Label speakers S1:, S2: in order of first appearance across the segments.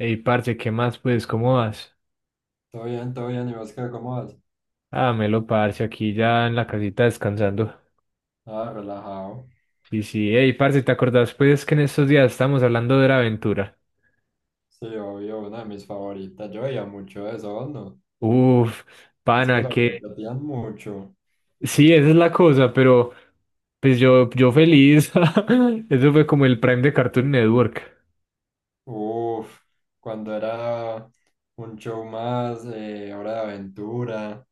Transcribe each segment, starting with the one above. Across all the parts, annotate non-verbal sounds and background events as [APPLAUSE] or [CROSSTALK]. S1: Ey, parce, ¿qué más? Pues, ¿cómo vas?
S2: Todo bien, ¿y vos qué, cómo vas?
S1: Ah, melo, parce, aquí ya en la casita descansando.
S2: Ah, relajado.
S1: Sí, sí, ey, parce, ¿te acordás, pues, que en estos días estamos hablando de la aventura?
S2: Sí, obvio, una de mis favoritas. Yo veía mucho eso, ¿vos no?
S1: Uf,
S2: Es que
S1: pana,
S2: la
S1: que...
S2: repetían mucho.
S1: Sí, esa es la cosa, pero, pues, yo feliz. [LAUGHS] Eso fue como el Prime de Cartoon Network.
S2: Uf, cuando era un show más, Hora de Aventura,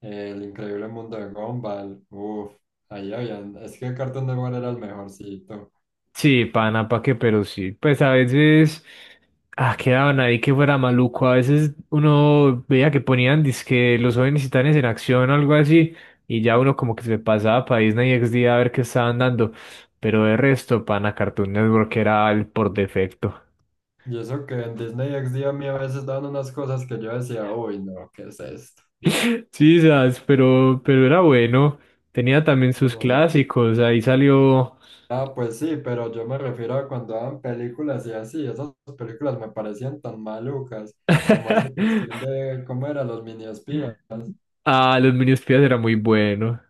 S2: El Increíble Mundo de Gumball. Uf, ahí habían. Es que Cartoon Network era el mejorcito.
S1: Sí, pana, pa' qué, pero sí. Pues a veces ah, quedaban ahí que fuera maluco. A veces uno veía que ponían dizque los jóvenes titanes en acción o algo así, y ya uno como que se pasaba para Disney XD a ver qué estaban dando. Pero de resto, pana, Cartoon Network era el por defecto.
S2: Y eso que en Disney XD a mí a veces daban unas cosas que yo decía, uy, no, ¿qué es esto?
S1: [LAUGHS] Sí, sabes, pero era bueno. Tenía también sus
S2: No.
S1: clásicos. Ahí salió.
S2: Ah, pues sí, pero yo me refiero a cuando daban películas y así, esas películas me parecían tan malucas, como esa cuestión
S1: [LAUGHS]
S2: de cómo eran los mini espías.
S1: Ah, los Minions Espías era muy bueno.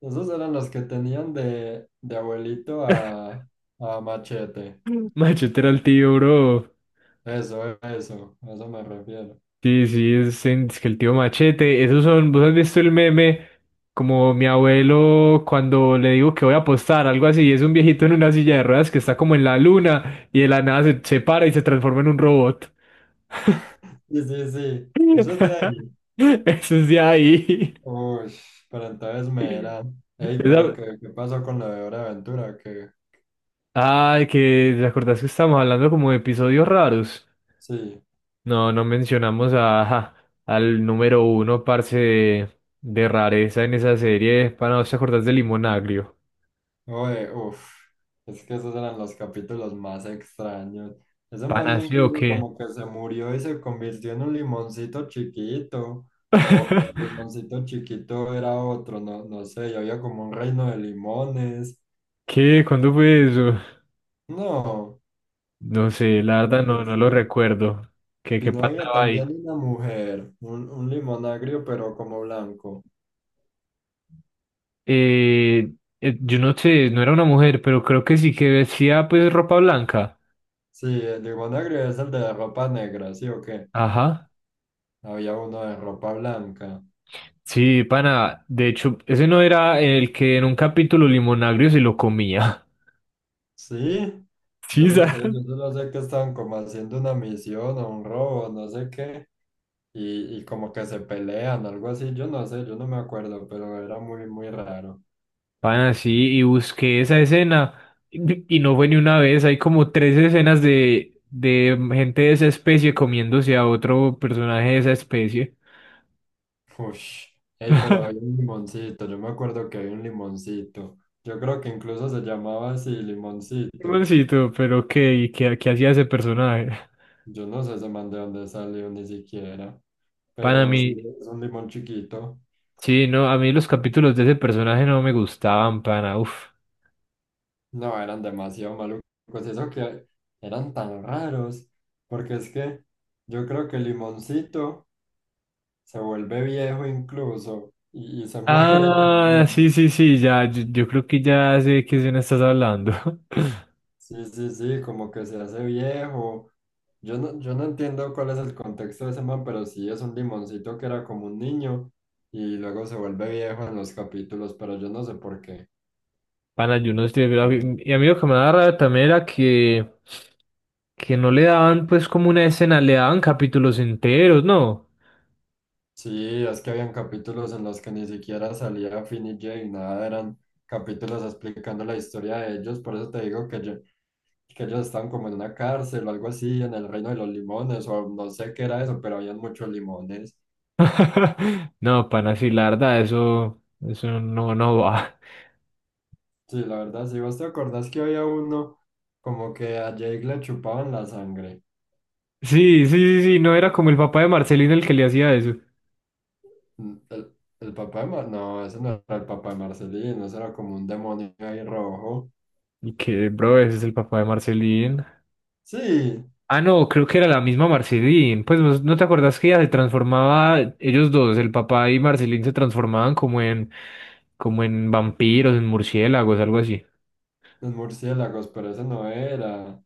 S2: Esos eran los que tenían de abuelito a machete.
S1: [LAUGHS] Machete era el tío, bro.
S2: Eso, a eso me refiero.
S1: Sí, sí, es, en- es que el tío Machete, esos son, vos has visto el meme como mi abuelo cuando le digo que voy a apostar, algo así, es un viejito en una silla de ruedas que está como en la luna y de la nada se para y se transforma en un robot.
S2: Sí, sí, sí, eso es de
S1: [LAUGHS]
S2: ahí.
S1: Eso es de ahí.
S2: Uy, pero entonces me eran. Ey, pero
S1: Esa-
S2: ¿qué, qué pasó con la de Hora de Aventura? Que
S1: Ay, que ¿te acordás que estábamos hablando como de episodios raros?
S2: sí.
S1: No, no mencionamos a, ajá, al número uno, parce, de rareza en esa serie, para no te acordás de Limón Agrio.
S2: Oye, uff, es que esos eran los capítulos más extraños. Ese
S1: ¿Pana
S2: mando
S1: sí o
S2: incluso
S1: qué?
S2: como que se murió y se convirtió en un limoncito chiquito. O
S1: [LAUGHS]
S2: limoncito chiquito era otro, no, no sé, y había como un reino de limones.
S1: ¿Qué? ¿Cuándo fue eso?
S2: No,
S1: No sé, la verdad
S2: creo que
S1: no, no lo
S2: sí.
S1: recuerdo. ¿Qué,
S2: Y
S1: qué
S2: no había
S1: pasaba ahí?
S2: también una mujer, un limonagrio pero como blanco.
S1: Eh, yo no sé, no era una mujer, pero creo que sí que vestía pues ropa blanca.
S2: Sí, el limonagrio es el de ropa negra, ¿sí o qué?
S1: Ajá.
S2: Había uno de ropa blanca.
S1: Sí, pana, de hecho, ese no era el que en un capítulo Limonagrio se lo comía. [LAUGHS]
S2: Sí, yo
S1: Sí,
S2: no sé,
S1: ¿sabes?
S2: yo solo sé que estaban como haciendo una misión o un robo, no sé qué, y como que se pelean, algo así, yo no sé, yo no me acuerdo, pero era muy, muy raro.
S1: Pana, sí, y busqué esa escena y no fue ni una vez, hay como tres escenas de gente de esa especie comiéndose a otro personaje de esa especie.
S2: Ush, ey, pero había un limoncito, yo me acuerdo que había un limoncito, yo creo que incluso se llamaba así, limoncito,
S1: Hermancito, pero qué, ¿Y qué, qué hacía ese personaje?
S2: yo no sé ese man de dónde salió ni siquiera,
S1: Pana, a
S2: pero sí,
S1: mí,
S2: es un limón chiquito.
S1: sí, no, a mí los capítulos de ese personaje no me gustaban, pana, uff.
S2: No, eran demasiado malucos. Eso que eran tan raros. Porque es que yo creo que Limoncito se vuelve viejo incluso y se [LAUGHS] muere
S1: Ah,
S2: también.
S1: sí, sí, sí, ya, yo creo que ya sé de qué escena estás hablando. [LAUGHS]
S2: Sí, sí, sí, como que se hace viejo. Yo no entiendo cuál es el contexto de ese man, pero sí es un limoncito que era como un niño y luego se vuelve viejo en los capítulos, pero yo no sé por qué.
S1: Pana, yo no estoy de acuerdo. Y a mí lo que me daba rabia también era que no le daban pues como una escena, le daban capítulos enteros, ¿no?
S2: Sí, es que habían capítulos en los que ni siquiera salía Finn y Jake, nada, eran capítulos explicando la historia de ellos, por eso te digo que, yo- que ellos estaban como en una cárcel o algo así, en el reino de los limones, o no sé qué era eso, pero habían muchos limones.
S1: [LAUGHS] No, pana, sí, la verdad, eso no, no va. [LAUGHS]
S2: Sí, la verdad, si vos te acordás que había uno como que a Jake le chupaban la sangre.
S1: Sí, sí, sí, sí, no era como el papá de Marcelín el que le hacía eso.
S2: Mm, el papá de Mar- no, ese no era el papá de Marcelino, ese era como un demonio ahí rojo.
S1: Y que, bro, ese es el papá de Marcelín.
S2: Sí.
S1: Ah, no, creo que era la misma Marcelín. Pues no, ¿no te acuerdas que ella se transformaba, ellos dos, el papá y Marcelín se transformaban como en vampiros, en murciélagos, algo así.
S2: Los murciélagos, pero ese no era.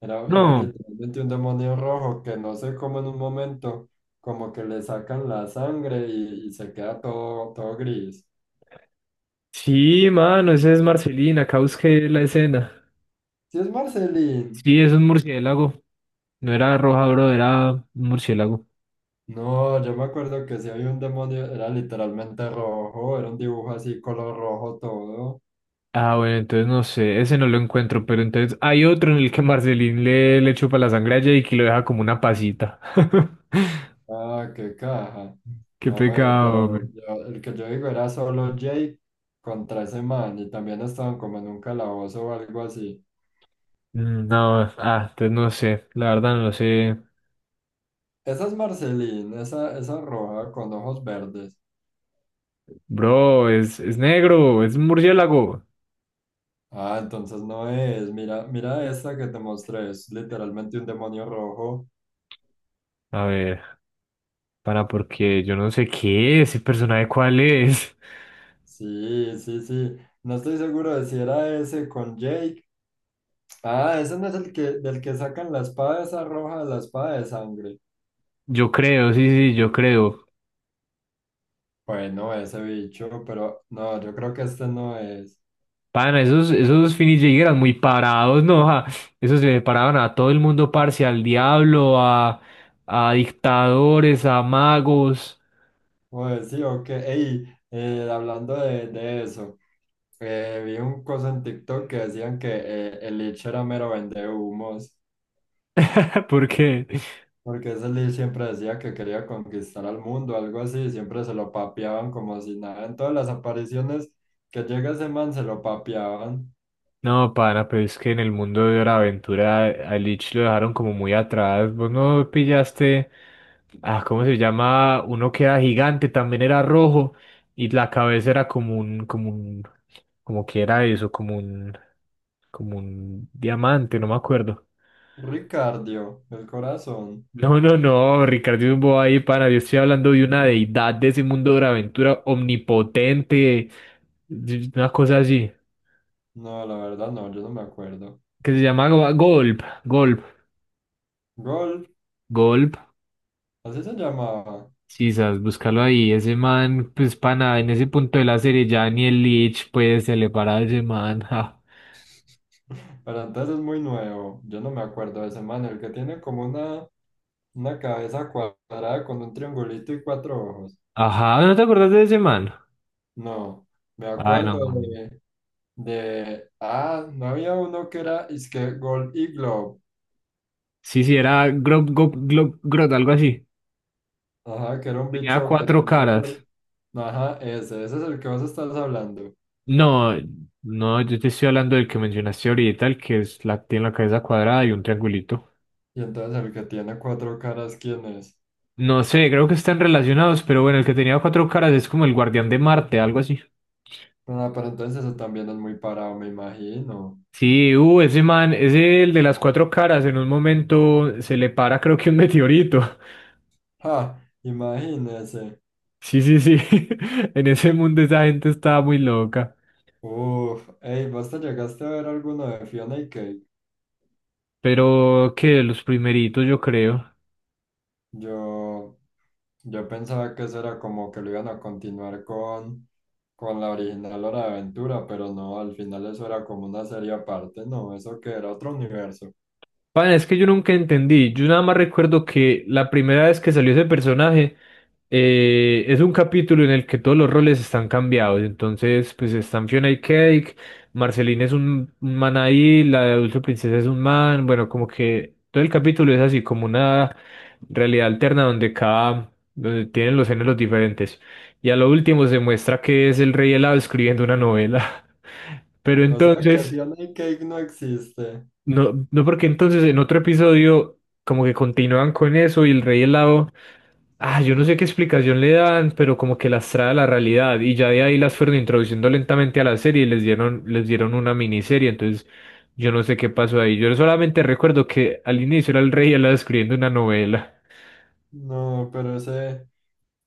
S2: Era
S1: No,
S2: literalmente un demonio rojo que no sé cómo en un momento como que le sacan la sangre y se queda todo, todo gris.
S1: sí, mano, ese es Marcelina, acá busqué la escena.
S2: Si es Marcelín.
S1: Sí, es un murciélago. No era roja, bro, era un murciélago.
S2: No, yo me acuerdo que si había un demonio, era literalmente rojo, era un dibujo así, color rojo todo.
S1: Ah, bueno, entonces no sé, ese no lo encuentro, pero entonces hay otro en el que Marcelín le chupa la sangre a Jake y lo deja como una pasita. [LAUGHS]
S2: Ah, qué caja.
S1: Qué
S2: Oye,
S1: pecado,
S2: pero
S1: hombre.
S2: yo- el que yo digo era solo Jake contra ese man y también estaban como en un calabozo o algo así.
S1: Mm, no, ah, entonces no sé, la verdad no lo sé.
S2: Esa es Marceline, esa roja con ojos verdes.
S1: Bro, es negro, es un murciélago.
S2: Ah, entonces no es. Mira, mira esta que te mostré. Es literalmente un demonio rojo.
S1: A ver, para porque yo no sé qué es, el personaje cuál es.
S2: Sí, sí, sí. No estoy seguro de si era ese con Jake. Ah, ese no es el que, del que sacan la espada esa roja, la espada de sangre.
S1: Yo creo, sí, sí, yo creo.
S2: Bueno, ese bicho, pero no, yo creo que este no es.
S1: Pana, esos, esos Finis eran muy parados, ¿no? [LAUGHS] ja. Esos se le paraban a todo el mundo, parce, al diablo, a dictadores, a magos.
S2: Pues sí, ok. Ey, hablando de eso. Vi un cosa en TikTok que decían que el Lich era mero vendehumos.
S1: [LAUGHS] ¿Por qué?
S2: Porque ese Lee siempre decía que quería conquistar al mundo, algo así, siempre se lo papeaban como si nada. En todas las apariciones que llega ese man se lo papeaban.
S1: No, pana, pero es que en el mundo de Hora de Aventura a Lich lo dejaron como muy atrás. Vos no pillaste, ah, ¿cómo se llama? Uno que era gigante, también era rojo, y la cabeza era como un, como un, como que era eso, como un diamante, no me acuerdo. [LAUGHS]
S2: Ricardio, el corazón.
S1: No, no, no, Ricardo es un bobo ahí, pana. Yo estoy hablando de una deidad de ese mundo de Hora Aventura omnipotente, una cosa así,
S2: No, la verdad no, yo no me acuerdo.
S1: que se llama Go- Golp, Golp.
S2: Gol,
S1: Golp.
S2: así se llamaba.
S1: Sí, sabes, búscalo ahí. Ese man, pues para nada, en ese punto de la serie ya ni el Lich, pues se le para a ese man. [LAUGHS] ja.
S2: [LAUGHS] Pero entonces es muy nuevo, yo no me acuerdo de ese man, el que tiene como una cabeza cuadrada con un triangulito y cuatro ojos.
S1: Ajá, ¿no te acordás de ese man?
S2: No, me
S1: Ah, no,
S2: acuerdo
S1: man.
S2: de, ah, no había uno que era, es que Gold Iglo,
S1: Sí, sí, era Grob, Gob- Glob- Grot, algo así.
S2: ajá, que era un
S1: Tenía
S2: bicho que
S1: cuatro
S2: tenía, cuer-
S1: caras.
S2: ajá, ese es el que vos estás hablando.
S1: No, no, yo te estoy hablando del que mencionaste ahorita, el que es la, tiene la cabeza cuadrada y un triangulito.
S2: Y entonces el que tiene cuatro caras, ¿quién es?
S1: No sé, creo que están relacionados, pero bueno, el que tenía cuatro caras es como el guardián de Marte, algo así.
S2: Ah, pero entonces eso también es muy parado, me imagino.
S1: Sí, ese man, es el de las cuatro caras, en un momento se le para creo que un meteorito. [LAUGHS]
S2: Ja, imagínese.
S1: Sí, sí, sí. [LAUGHS] En ese mundo esa gente estaba muy loca.
S2: Uf, ey, ¿vos te llegaste a ver alguno de Fiona y Cake?
S1: Pero que de los primeritos, yo creo.
S2: Yo, Yo pensaba que eso era como que lo iban a continuar con la original Hora de Aventura, pero no, al final eso era como una serie aparte, no, eso que era otro universo.
S1: Pana, es que yo nunca entendí. Yo nada más recuerdo que la primera vez que salió ese personaje es un capítulo en el que todos los roles están cambiados. Entonces, pues están Fiona y Cake, Marceline es un man ahí, la de Dulce Princesa es un man. Bueno, como que todo el capítulo es así como una realidad alterna donde cada, donde tienen los géneros diferentes. Y a lo último se muestra que es el rey helado escribiendo una novela. [LAUGHS] Pero
S2: O sea que
S1: entonces.
S2: Fiona y Cake no existe.
S1: No, no, porque entonces en otro episodio como que continúan con eso y el rey helado, ah, yo no sé qué explicación le dan, pero como que las trae a la realidad y ya de ahí las fueron introduciendo lentamente a la serie y les dieron una miniserie, entonces yo no sé qué pasó ahí. Yo solamente recuerdo que al inicio era el rey helado escribiendo una novela.
S2: No, pero ese,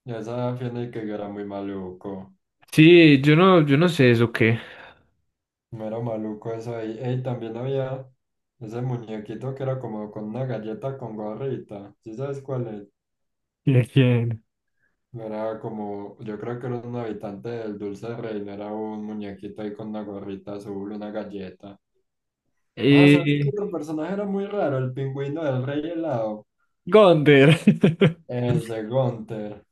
S2: esa Fiona y Cake era muy maluco.
S1: Sí, yo no, yo no sé eso qué.
S2: No era maluco eso ahí. Ey, también había ese muñequito que era como con una galleta con gorrita. ¿Sí sabes cuál es?
S1: ¿Quién? ¿Quién?
S2: No era como, yo creo que era un habitante del Dulce Rey, no era un muñequito ahí con una gorrita azul, una galleta. Ah, ¿sabes qué
S1: Eh,
S2: otro personaje era muy raro? El pingüino del Rey Helado,
S1: Gonder. [LAUGHS]
S2: ese Gunther.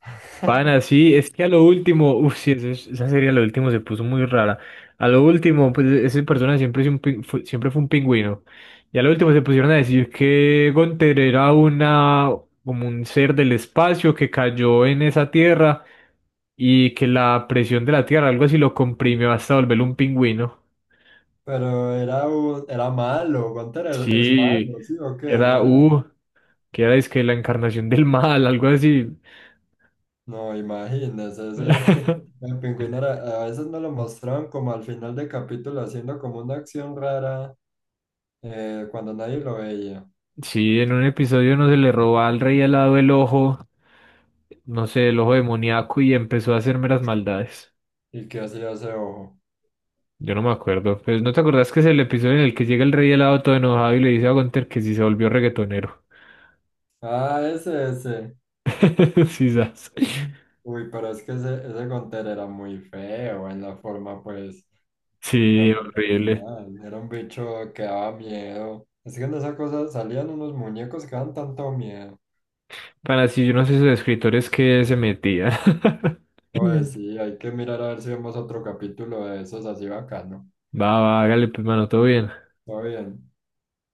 S1: Pana, sí, es que a lo último, uff, sí, esa es- esa serie a lo último se puso muy rara. A lo último, pues e-, ese personaje siempre, es un pin- fue, siempre fue un pingüino. Y a lo último se pusieron a decir que Gunther era una, como un ser del espacio que cayó en esa tierra y que la presión de la tierra, algo así, lo comprimió hasta volverlo un pingüino.
S2: Pero era, un- era malo, Gunther era- es
S1: Sí,
S2: malo, ¿sí o
S1: que
S2: qué? No
S1: era,
S2: era,
S1: uh, que era es que la encarnación del mal, algo así.
S2: no, imagínese, ese, [LAUGHS]
S1: [LAUGHS]
S2: el pingüino era- a veces no lo mostraban como al final del capítulo haciendo como una acción rara cuando nadie lo veía.
S1: Sí, en un episodio no se le robó al rey al lado el ojo. No sé, el ojo demoníaco y empezó a hacerme las maldades.
S2: ¿Y qué hacía ese ojo?
S1: Yo no me acuerdo. Pues no te acordás que es el episodio en el que llega el rey helado todo enojado y le dice a Gunther que si se volvió reggaetonero.
S2: Ah, ese, ese.
S1: [LAUGHS] Sí, sas.
S2: Uy, pero es que ese Gonter era muy feo en la forma, pues, en la
S1: Sí,
S2: forma
S1: horrible.
S2: original. Era un bicho que daba miedo. Es que en esa cosa salían unos muñecos que daban tanto miedo.
S1: Para si yo no sé esos escritores que se metían.
S2: Oye,
S1: [LAUGHS]
S2: sí, hay que mirar a ver si vemos otro capítulo de esos así bacano.
S1: Va, va, hágale, pues, mano, todo bien.
S2: Todo bien.